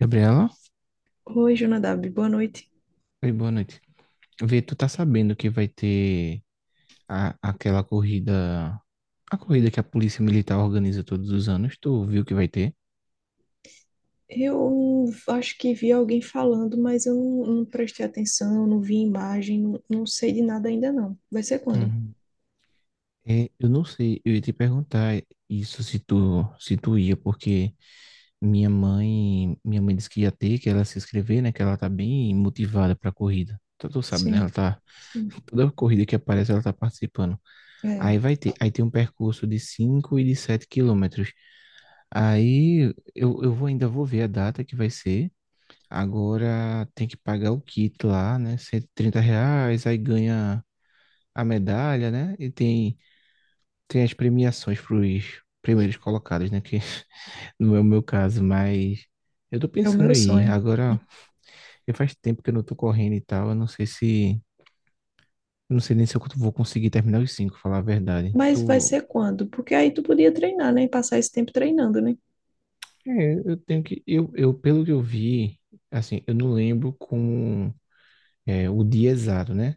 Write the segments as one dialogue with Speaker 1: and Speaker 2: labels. Speaker 1: Gabriela,
Speaker 2: Oi, Jonadab, boa noite.
Speaker 1: oi, boa noite. Vê, tu tá sabendo que vai ter aquela corrida, a corrida que a Polícia Militar organiza todos os anos, tu viu que vai ter?
Speaker 2: Eu acho que vi alguém falando, mas eu não, não prestei atenção, não vi imagem, não, não sei de nada ainda não. Vai ser quando?
Speaker 1: Uhum. É, eu não sei, eu ia te perguntar isso se tu ia, porque minha mãe disse que ia ter, que ela se inscrever, né, que ela tá bem motivada pra corrida. Tu sabe, né, ela
Speaker 2: Sim,
Speaker 1: tá,
Speaker 2: sim.
Speaker 1: toda corrida que aparece ela tá participando.
Speaker 2: É,
Speaker 1: Aí vai ter, aí tem um percurso de 5 e de 7 quilômetros. Aí ainda vou ver a data que vai ser. Agora tem que pagar o kit lá, né? R$ 130, aí ganha a medalha, né? E tem as premiações para os primeiros colocados, né? Que não é o meu caso, mas eu tô
Speaker 2: é o
Speaker 1: pensando
Speaker 2: meu
Speaker 1: em ir.
Speaker 2: sonho.
Speaker 1: Agora, eu faz tempo que eu não tô correndo e tal. Eu não sei se. Eu não sei nem se eu vou conseguir terminar os cinco, falar a verdade.
Speaker 2: Mas vai
Speaker 1: Tu.
Speaker 2: ser quando? Porque aí tu podia treinar, né? Passar esse tempo treinando, né?
Speaker 1: É, eu tenho que. Pelo que eu vi, assim, eu não lembro como. É, o dia exato, né?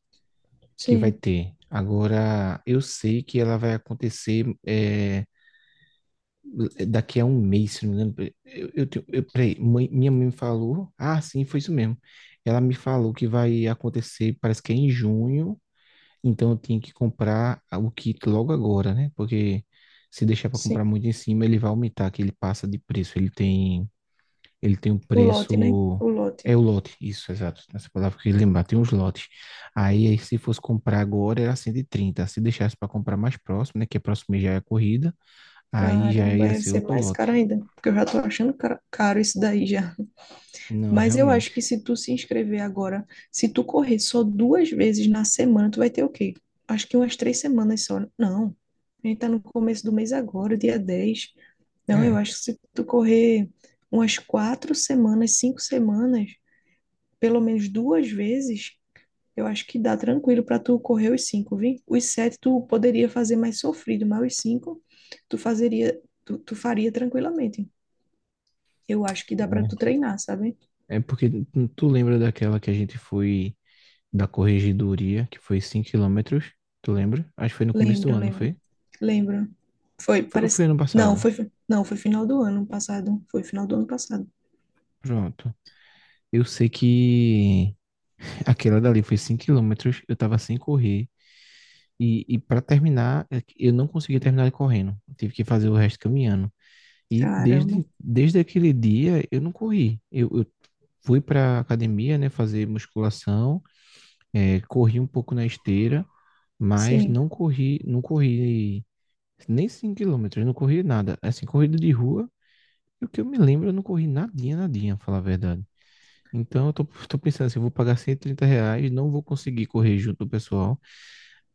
Speaker 1: Que vai
Speaker 2: Sim,
Speaker 1: ter. Agora, eu sei que ela vai acontecer é, daqui a um mês, se não me engano. Peraí, minha mãe me falou. Ah, sim, foi isso mesmo. Ela me falou que vai acontecer, parece que é em junho. Então, eu tenho que comprar o kit logo agora, né? Porque se deixar para comprar
Speaker 2: sim.
Speaker 1: muito em cima, ele vai aumentar, que ele passa de preço. Ele tem um
Speaker 2: O lote, né?
Speaker 1: preço.
Speaker 2: O lote.
Speaker 1: É o lote, isso, exato. Essa palavra que eu queria lembrar, tem uns lotes. Se fosse comprar agora, era 130. Se deixasse para comprar mais próximo, né? Que é próximo mês já é a corrida, aí já
Speaker 2: Caramba,
Speaker 1: ia
Speaker 2: vai
Speaker 1: ser
Speaker 2: ser
Speaker 1: outro
Speaker 2: mais
Speaker 1: lote.
Speaker 2: caro ainda, porque eu já tô achando caro isso daí já.
Speaker 1: Não,
Speaker 2: Mas eu acho que
Speaker 1: realmente.
Speaker 2: se tu se inscrever agora, se tu correr só duas vezes na semana, tu vai ter o quê? Acho que umas 3 semanas só. Não. A gente tá no começo do mês agora, dia 10. Não, eu
Speaker 1: É.
Speaker 2: acho que se tu correr umas 4 semanas, 5 semanas, pelo menos duas vezes, eu acho que dá tranquilo pra tu correr os cinco, viu? Os sete tu poderia fazer mais sofrido, mas os cinco tu fazeria, tu faria tranquilamente. Eu acho que dá pra tu
Speaker 1: É,
Speaker 2: treinar, sabe?
Speaker 1: é, porque tu lembra daquela que a gente foi da corregedoria, que foi 5 quilômetros? Tu lembra? Acho que foi no começo do
Speaker 2: Lembro,
Speaker 1: ano, não
Speaker 2: lembro.
Speaker 1: foi?
Speaker 2: Lembro. Foi,
Speaker 1: Foi, ou foi
Speaker 2: parece.
Speaker 1: ano passado.
Speaker 2: Não, foi final do ano passado. Foi final do ano passado.
Speaker 1: Pronto. Eu sei que aquela dali foi 5 quilômetros, eu tava sem correr. E, para terminar, é que eu não consegui terminar ele correndo. Eu tive que fazer o resto caminhando. E
Speaker 2: Caramba.
Speaker 1: desde, desde aquele dia eu não corri. Eu fui para academia, né, fazer musculação, é, corri um pouco na esteira, mas
Speaker 2: Sim,
Speaker 1: não corri nem 5 quilômetros, não corri nada. Assim, corrida de rua, e o que eu me lembro, eu não corri nadinha, nadinha, pra falar a verdade. Então eu tô pensando assim, eu vou pagar R$ 130, não vou conseguir correr junto do pessoal.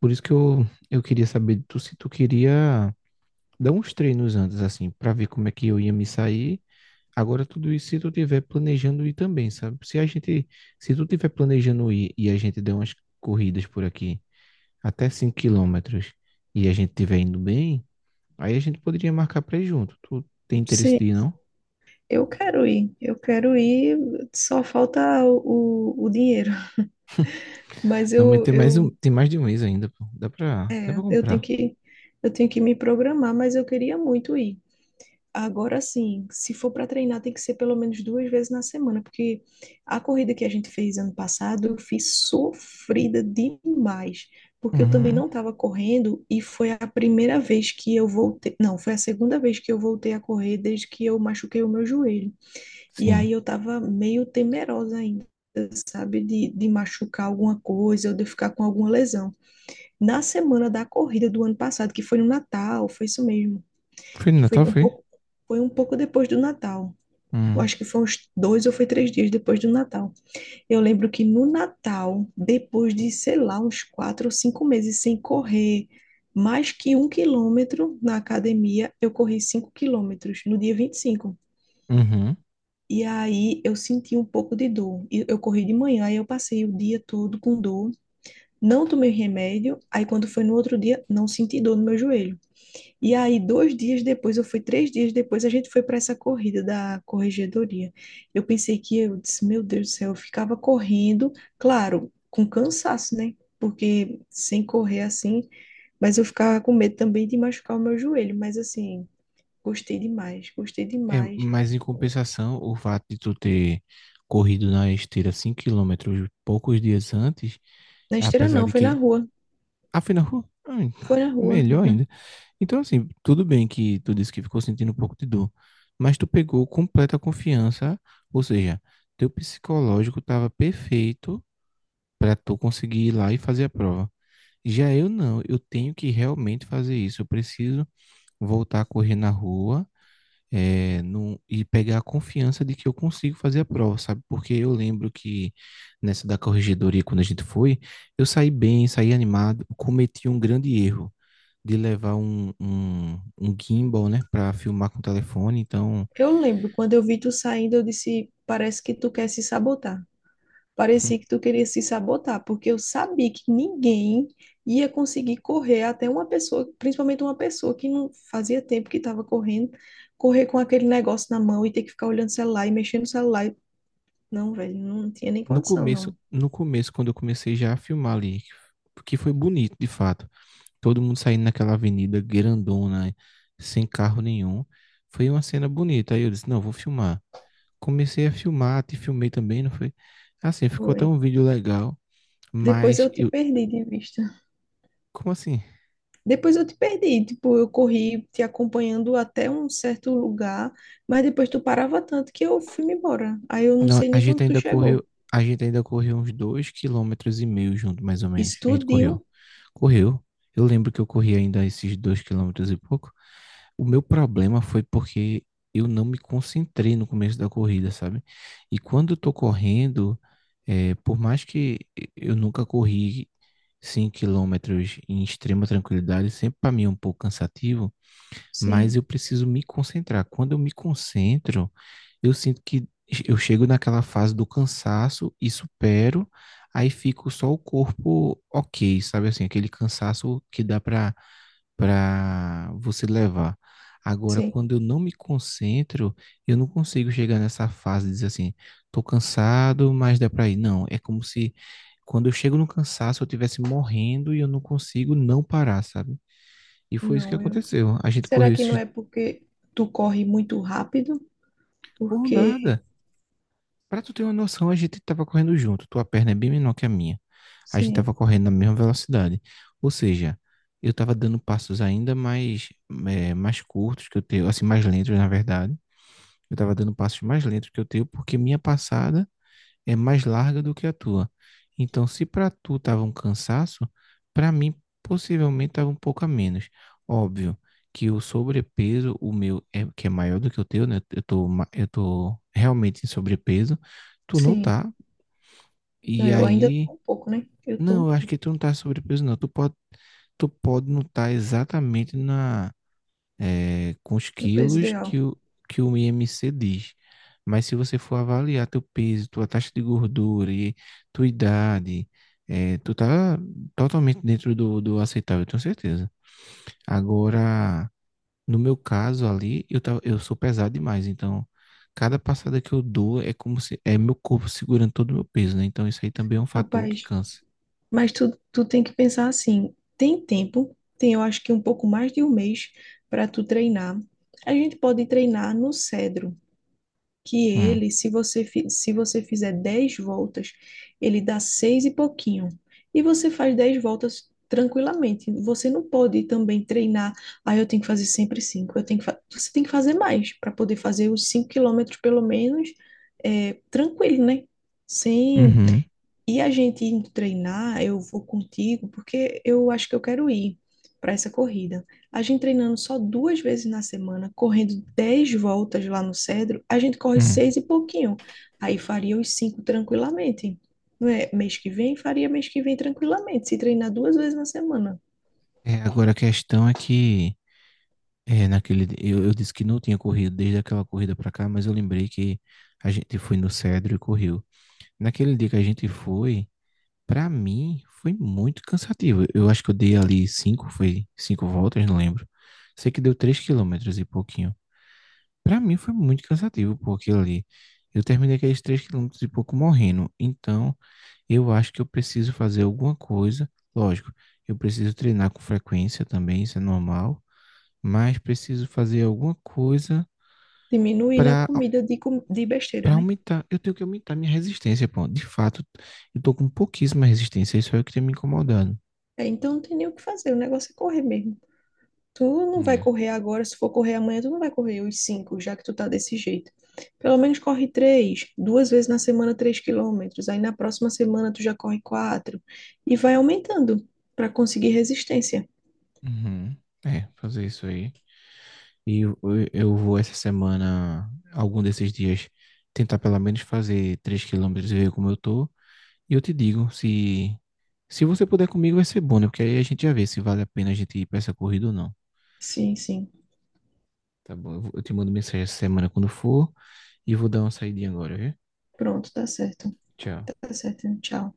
Speaker 1: Por isso que eu queria saber de tu se tu queria dá uns treinos antes, assim, para ver como é que eu ia me sair. Agora, tudo isso se tu tiver planejando ir também, sabe? Se a gente, Se tu tiver planejando ir e a gente der umas corridas por aqui, até 5 quilômetros, e a gente tiver indo bem, aí a gente poderia marcar pra ir junto. Tu tem interesse de
Speaker 2: sim.
Speaker 1: ir, não?
Speaker 2: Eu quero ir. Eu quero ir. Só falta o dinheiro. Mas
Speaker 1: Não, mas tem mais de um mês ainda, pô. Dá pra
Speaker 2: eu tenho
Speaker 1: comprar.
Speaker 2: que, eu tenho que me programar, mas eu queria muito ir. Agora sim, se for para treinar, tem que ser pelo menos duas vezes na semana, porque a corrida que a gente fez ano passado, eu fiz sofrida demais, porque eu também
Speaker 1: Uhum.
Speaker 2: não estava correndo e foi a primeira vez que eu voltei, não, foi a segunda vez que eu voltei a correr desde que eu machuquei o meu joelho. E
Speaker 1: Sim.
Speaker 2: aí eu estava meio temerosa ainda. Sabe, de machucar alguma coisa ou de eu ficar com alguma lesão. Na semana da corrida do ano passado, que foi no Natal, foi isso mesmo
Speaker 1: Foi no
Speaker 2: que foi
Speaker 1: Natal,
Speaker 2: um
Speaker 1: foi?
Speaker 2: pouco, foi um pouco depois do Natal. Eu
Speaker 1: Uhum.
Speaker 2: acho que foi uns dois ou foi 3 dias depois do Natal. Eu lembro que no Natal, depois de, sei lá, uns 4 ou 5 meses sem correr mais que um quilômetro na academia, eu corri 5 quilômetros no dia 25.
Speaker 1: Uhum.
Speaker 2: E aí eu senti um pouco de dor. E eu corri de manhã e eu passei o dia todo com dor. Não tomei remédio. Aí quando foi no outro dia, não senti dor no meu joelho. E aí, 2 dias depois, ou foi 3 dias depois, a gente foi para essa corrida da corregedoria. Eu pensei que eu disse, meu Deus do céu, eu ficava correndo, claro, com cansaço, né? Porque sem correr assim, mas eu ficava com medo também de machucar o meu joelho. Mas assim, gostei demais, gostei
Speaker 1: É,
Speaker 2: demais.
Speaker 1: mas em compensação, o fato de tu ter corrido na esteira 5 quilômetros poucos dias antes,
Speaker 2: Na esteira
Speaker 1: apesar
Speaker 2: não,
Speaker 1: de
Speaker 2: foi na
Speaker 1: que,
Speaker 2: rua,
Speaker 1: afinal,
Speaker 2: foi na rua.
Speaker 1: melhor ainda. Então, assim, tudo bem que tu disse que ficou sentindo um pouco de dor, mas tu pegou completa confiança, ou seja, teu psicológico estava perfeito para tu conseguir ir lá e fazer a prova. Já eu não, eu tenho que realmente fazer isso. Eu preciso voltar a correr na rua e pegar a confiança de que eu consigo fazer a prova, sabe? Porque eu lembro que nessa da corregedoria, quando a gente foi, eu saí bem, saí animado, cometi um grande erro de levar um gimbal, né, para filmar com o telefone. Então,
Speaker 2: Eu lembro, quando eu vi tu saindo, eu disse, parece que tu quer se sabotar. Parecia que tu queria se sabotar, porque eu sabia que ninguém ia conseguir correr até uma pessoa, principalmente uma pessoa que não fazia tempo que estava correndo, correr com aquele negócio na mão e ter que ficar olhando o celular e mexendo no celular. Não, velho, não tinha nem condição, não.
Speaker 1: no começo, quando eu comecei já a filmar ali, que foi bonito, de fato. Todo mundo saindo naquela avenida grandona, sem carro nenhum. Foi uma cena bonita. Aí eu disse, não, vou filmar. Comecei a filmar, te filmei também, não foi? Assim, ficou até
Speaker 2: Foi.
Speaker 1: um vídeo legal,
Speaker 2: Depois
Speaker 1: mas
Speaker 2: eu te
Speaker 1: eu,
Speaker 2: perdi de vista.
Speaker 1: como assim?
Speaker 2: Depois eu te perdi, tipo, eu corri te acompanhando até um certo lugar, mas depois tu parava tanto que eu fui me embora. Aí eu não
Speaker 1: Não,
Speaker 2: sei nem quando tu chegou.
Speaker 1: a gente ainda correu uns 2,5 quilômetros junto, mais ou menos.
Speaker 2: Isso
Speaker 1: A gente correu.
Speaker 2: tudinho?
Speaker 1: Correu. Eu lembro que eu corri ainda esses 2 quilômetros e pouco. O meu problema foi porque eu não me concentrei no começo da corrida, sabe? E quando eu tô correndo, por mais que eu nunca corri 5 quilômetros em extrema tranquilidade, sempre para mim é um pouco cansativo, mas
Speaker 2: Sim,
Speaker 1: eu preciso me concentrar. Quando eu me concentro, eu sinto que eu chego naquela fase do cansaço e supero, aí fico só o corpo ok, sabe assim, aquele cansaço que dá para você levar. Agora,
Speaker 2: sim.
Speaker 1: quando eu não me concentro, eu não consigo chegar nessa fase de dizer assim, tô cansado, mas dá para ir. Não, é como se quando eu chego no cansaço, eu estivesse morrendo e eu não consigo não parar, sabe? E foi isso que
Speaker 2: Não, eu
Speaker 1: aconteceu. A gente
Speaker 2: Será
Speaker 1: correu
Speaker 2: que não
Speaker 1: esses,
Speaker 2: é porque tu corre muito rápido?
Speaker 1: por
Speaker 2: Porque,
Speaker 1: nada. Pra tu ter uma noção, a gente tava correndo junto. Tua perna é bem menor que a minha. A gente tava
Speaker 2: sim,
Speaker 1: correndo na mesma velocidade. Ou seja, eu tava dando passos ainda mais, mais curtos que o teu, assim, mais lentos, na verdade. Eu tava dando passos mais lentos que o teu, porque minha passada é mais larga do que a tua. Então, se para tu tava um cansaço, para mim possivelmente estava um pouco a menos. Óbvio que o sobrepeso, o meu, é, que é maior do que o teu, né? Eu tô realmente em sobrepeso, tu não
Speaker 2: sim.
Speaker 1: tá.
Speaker 2: Não,
Speaker 1: E
Speaker 2: eu ainda
Speaker 1: aí,
Speaker 2: tô um pouco, né? Eu tô um
Speaker 1: não, eu acho
Speaker 2: pouco
Speaker 1: que tu não tá em sobrepeso, não. Tu pode não estar exatamente na é, com os
Speaker 2: no peso
Speaker 1: quilos que
Speaker 2: ideal.
Speaker 1: o, que o IMC diz. Mas se você for avaliar teu peso, tua taxa de gordura e tua idade, é, tu tá totalmente dentro do aceitável, eu tenho certeza. Agora, no meu caso ali, eu sou pesado demais, então cada passada que eu dou é como se é meu corpo segurando todo o meu peso, né? Então isso aí também é um fator que
Speaker 2: Rapaz,
Speaker 1: cansa.
Speaker 2: mas tu tem que pensar assim, tem tempo, tem eu acho que um pouco mais de um mês para tu treinar. A gente pode treinar no Cedro, que
Speaker 1: Hum.
Speaker 2: ele, se você, se você fizer 10 voltas, ele dá 6 e pouquinho. E você faz 10 voltas tranquilamente. Você não pode também treinar, ah, eu tenho que fazer sempre cinco. Eu tenho que Você tem que fazer mais para poder fazer os 5 quilômetros, pelo menos, é, tranquilo, né? Sem
Speaker 1: Uhum.
Speaker 2: e a gente indo treinar, eu vou contigo, porque eu acho que eu quero ir para essa corrida. A gente treinando só duas vezes na semana, correndo 10 voltas lá no Cedro, a gente corre
Speaker 1: Hum.
Speaker 2: seis e pouquinho. Aí faria os cinco tranquilamente. Não é? Mês que vem, faria mês que vem tranquilamente, se treinar duas vezes na semana.
Speaker 1: É, agora a questão é que é, naquele, eu disse que não tinha corrido desde aquela corrida pra cá, mas eu lembrei que a gente foi no Cedro e correu. Naquele dia que a gente foi, pra mim, foi muito cansativo. Eu acho que eu dei ali cinco, foi cinco voltas, não lembro. Sei que deu 3 quilômetros e pouquinho. Pra mim foi muito cansativo, pô, aquilo ali. Eu terminei aqueles 3 quilômetros e pouco morrendo. Então, eu acho que eu preciso fazer alguma coisa. Lógico, eu preciso treinar com frequência também, isso é normal. Mas preciso fazer alguma coisa
Speaker 2: Diminuir na
Speaker 1: para
Speaker 2: comida de besteira,
Speaker 1: para
Speaker 2: né?
Speaker 1: aumentar, eu tenho que aumentar minha resistência, pô. De fato, eu tô com pouquíssima resistência, isso é o que tem me incomodando.
Speaker 2: É, então não tem nem o que fazer, o negócio é correr mesmo. Tu não vai
Speaker 1: É.
Speaker 2: correr agora, se for correr amanhã, tu não vai correr os cinco, já que tu tá desse jeito. Pelo menos corre três, duas vezes na semana, 3 quilômetros. Aí na próxima semana tu já corre quatro. E vai aumentando para conseguir resistência.
Speaker 1: Uhum. É, fazer isso aí. E eu vou essa semana, algum desses dias, tentar pelo menos fazer 3 quilômetros e ver como eu tô. E eu te digo, se você puder comigo vai ser bom, né? Porque aí a gente já vê se vale a pena a gente ir pra essa corrida ou não.
Speaker 2: Sim, sim.
Speaker 1: Tá bom, eu te mando mensagem essa semana quando for e vou dar uma saidinha agora, viu?
Speaker 2: Pronto, tá certo.
Speaker 1: Tchau.
Speaker 2: Tá certo. Tchau.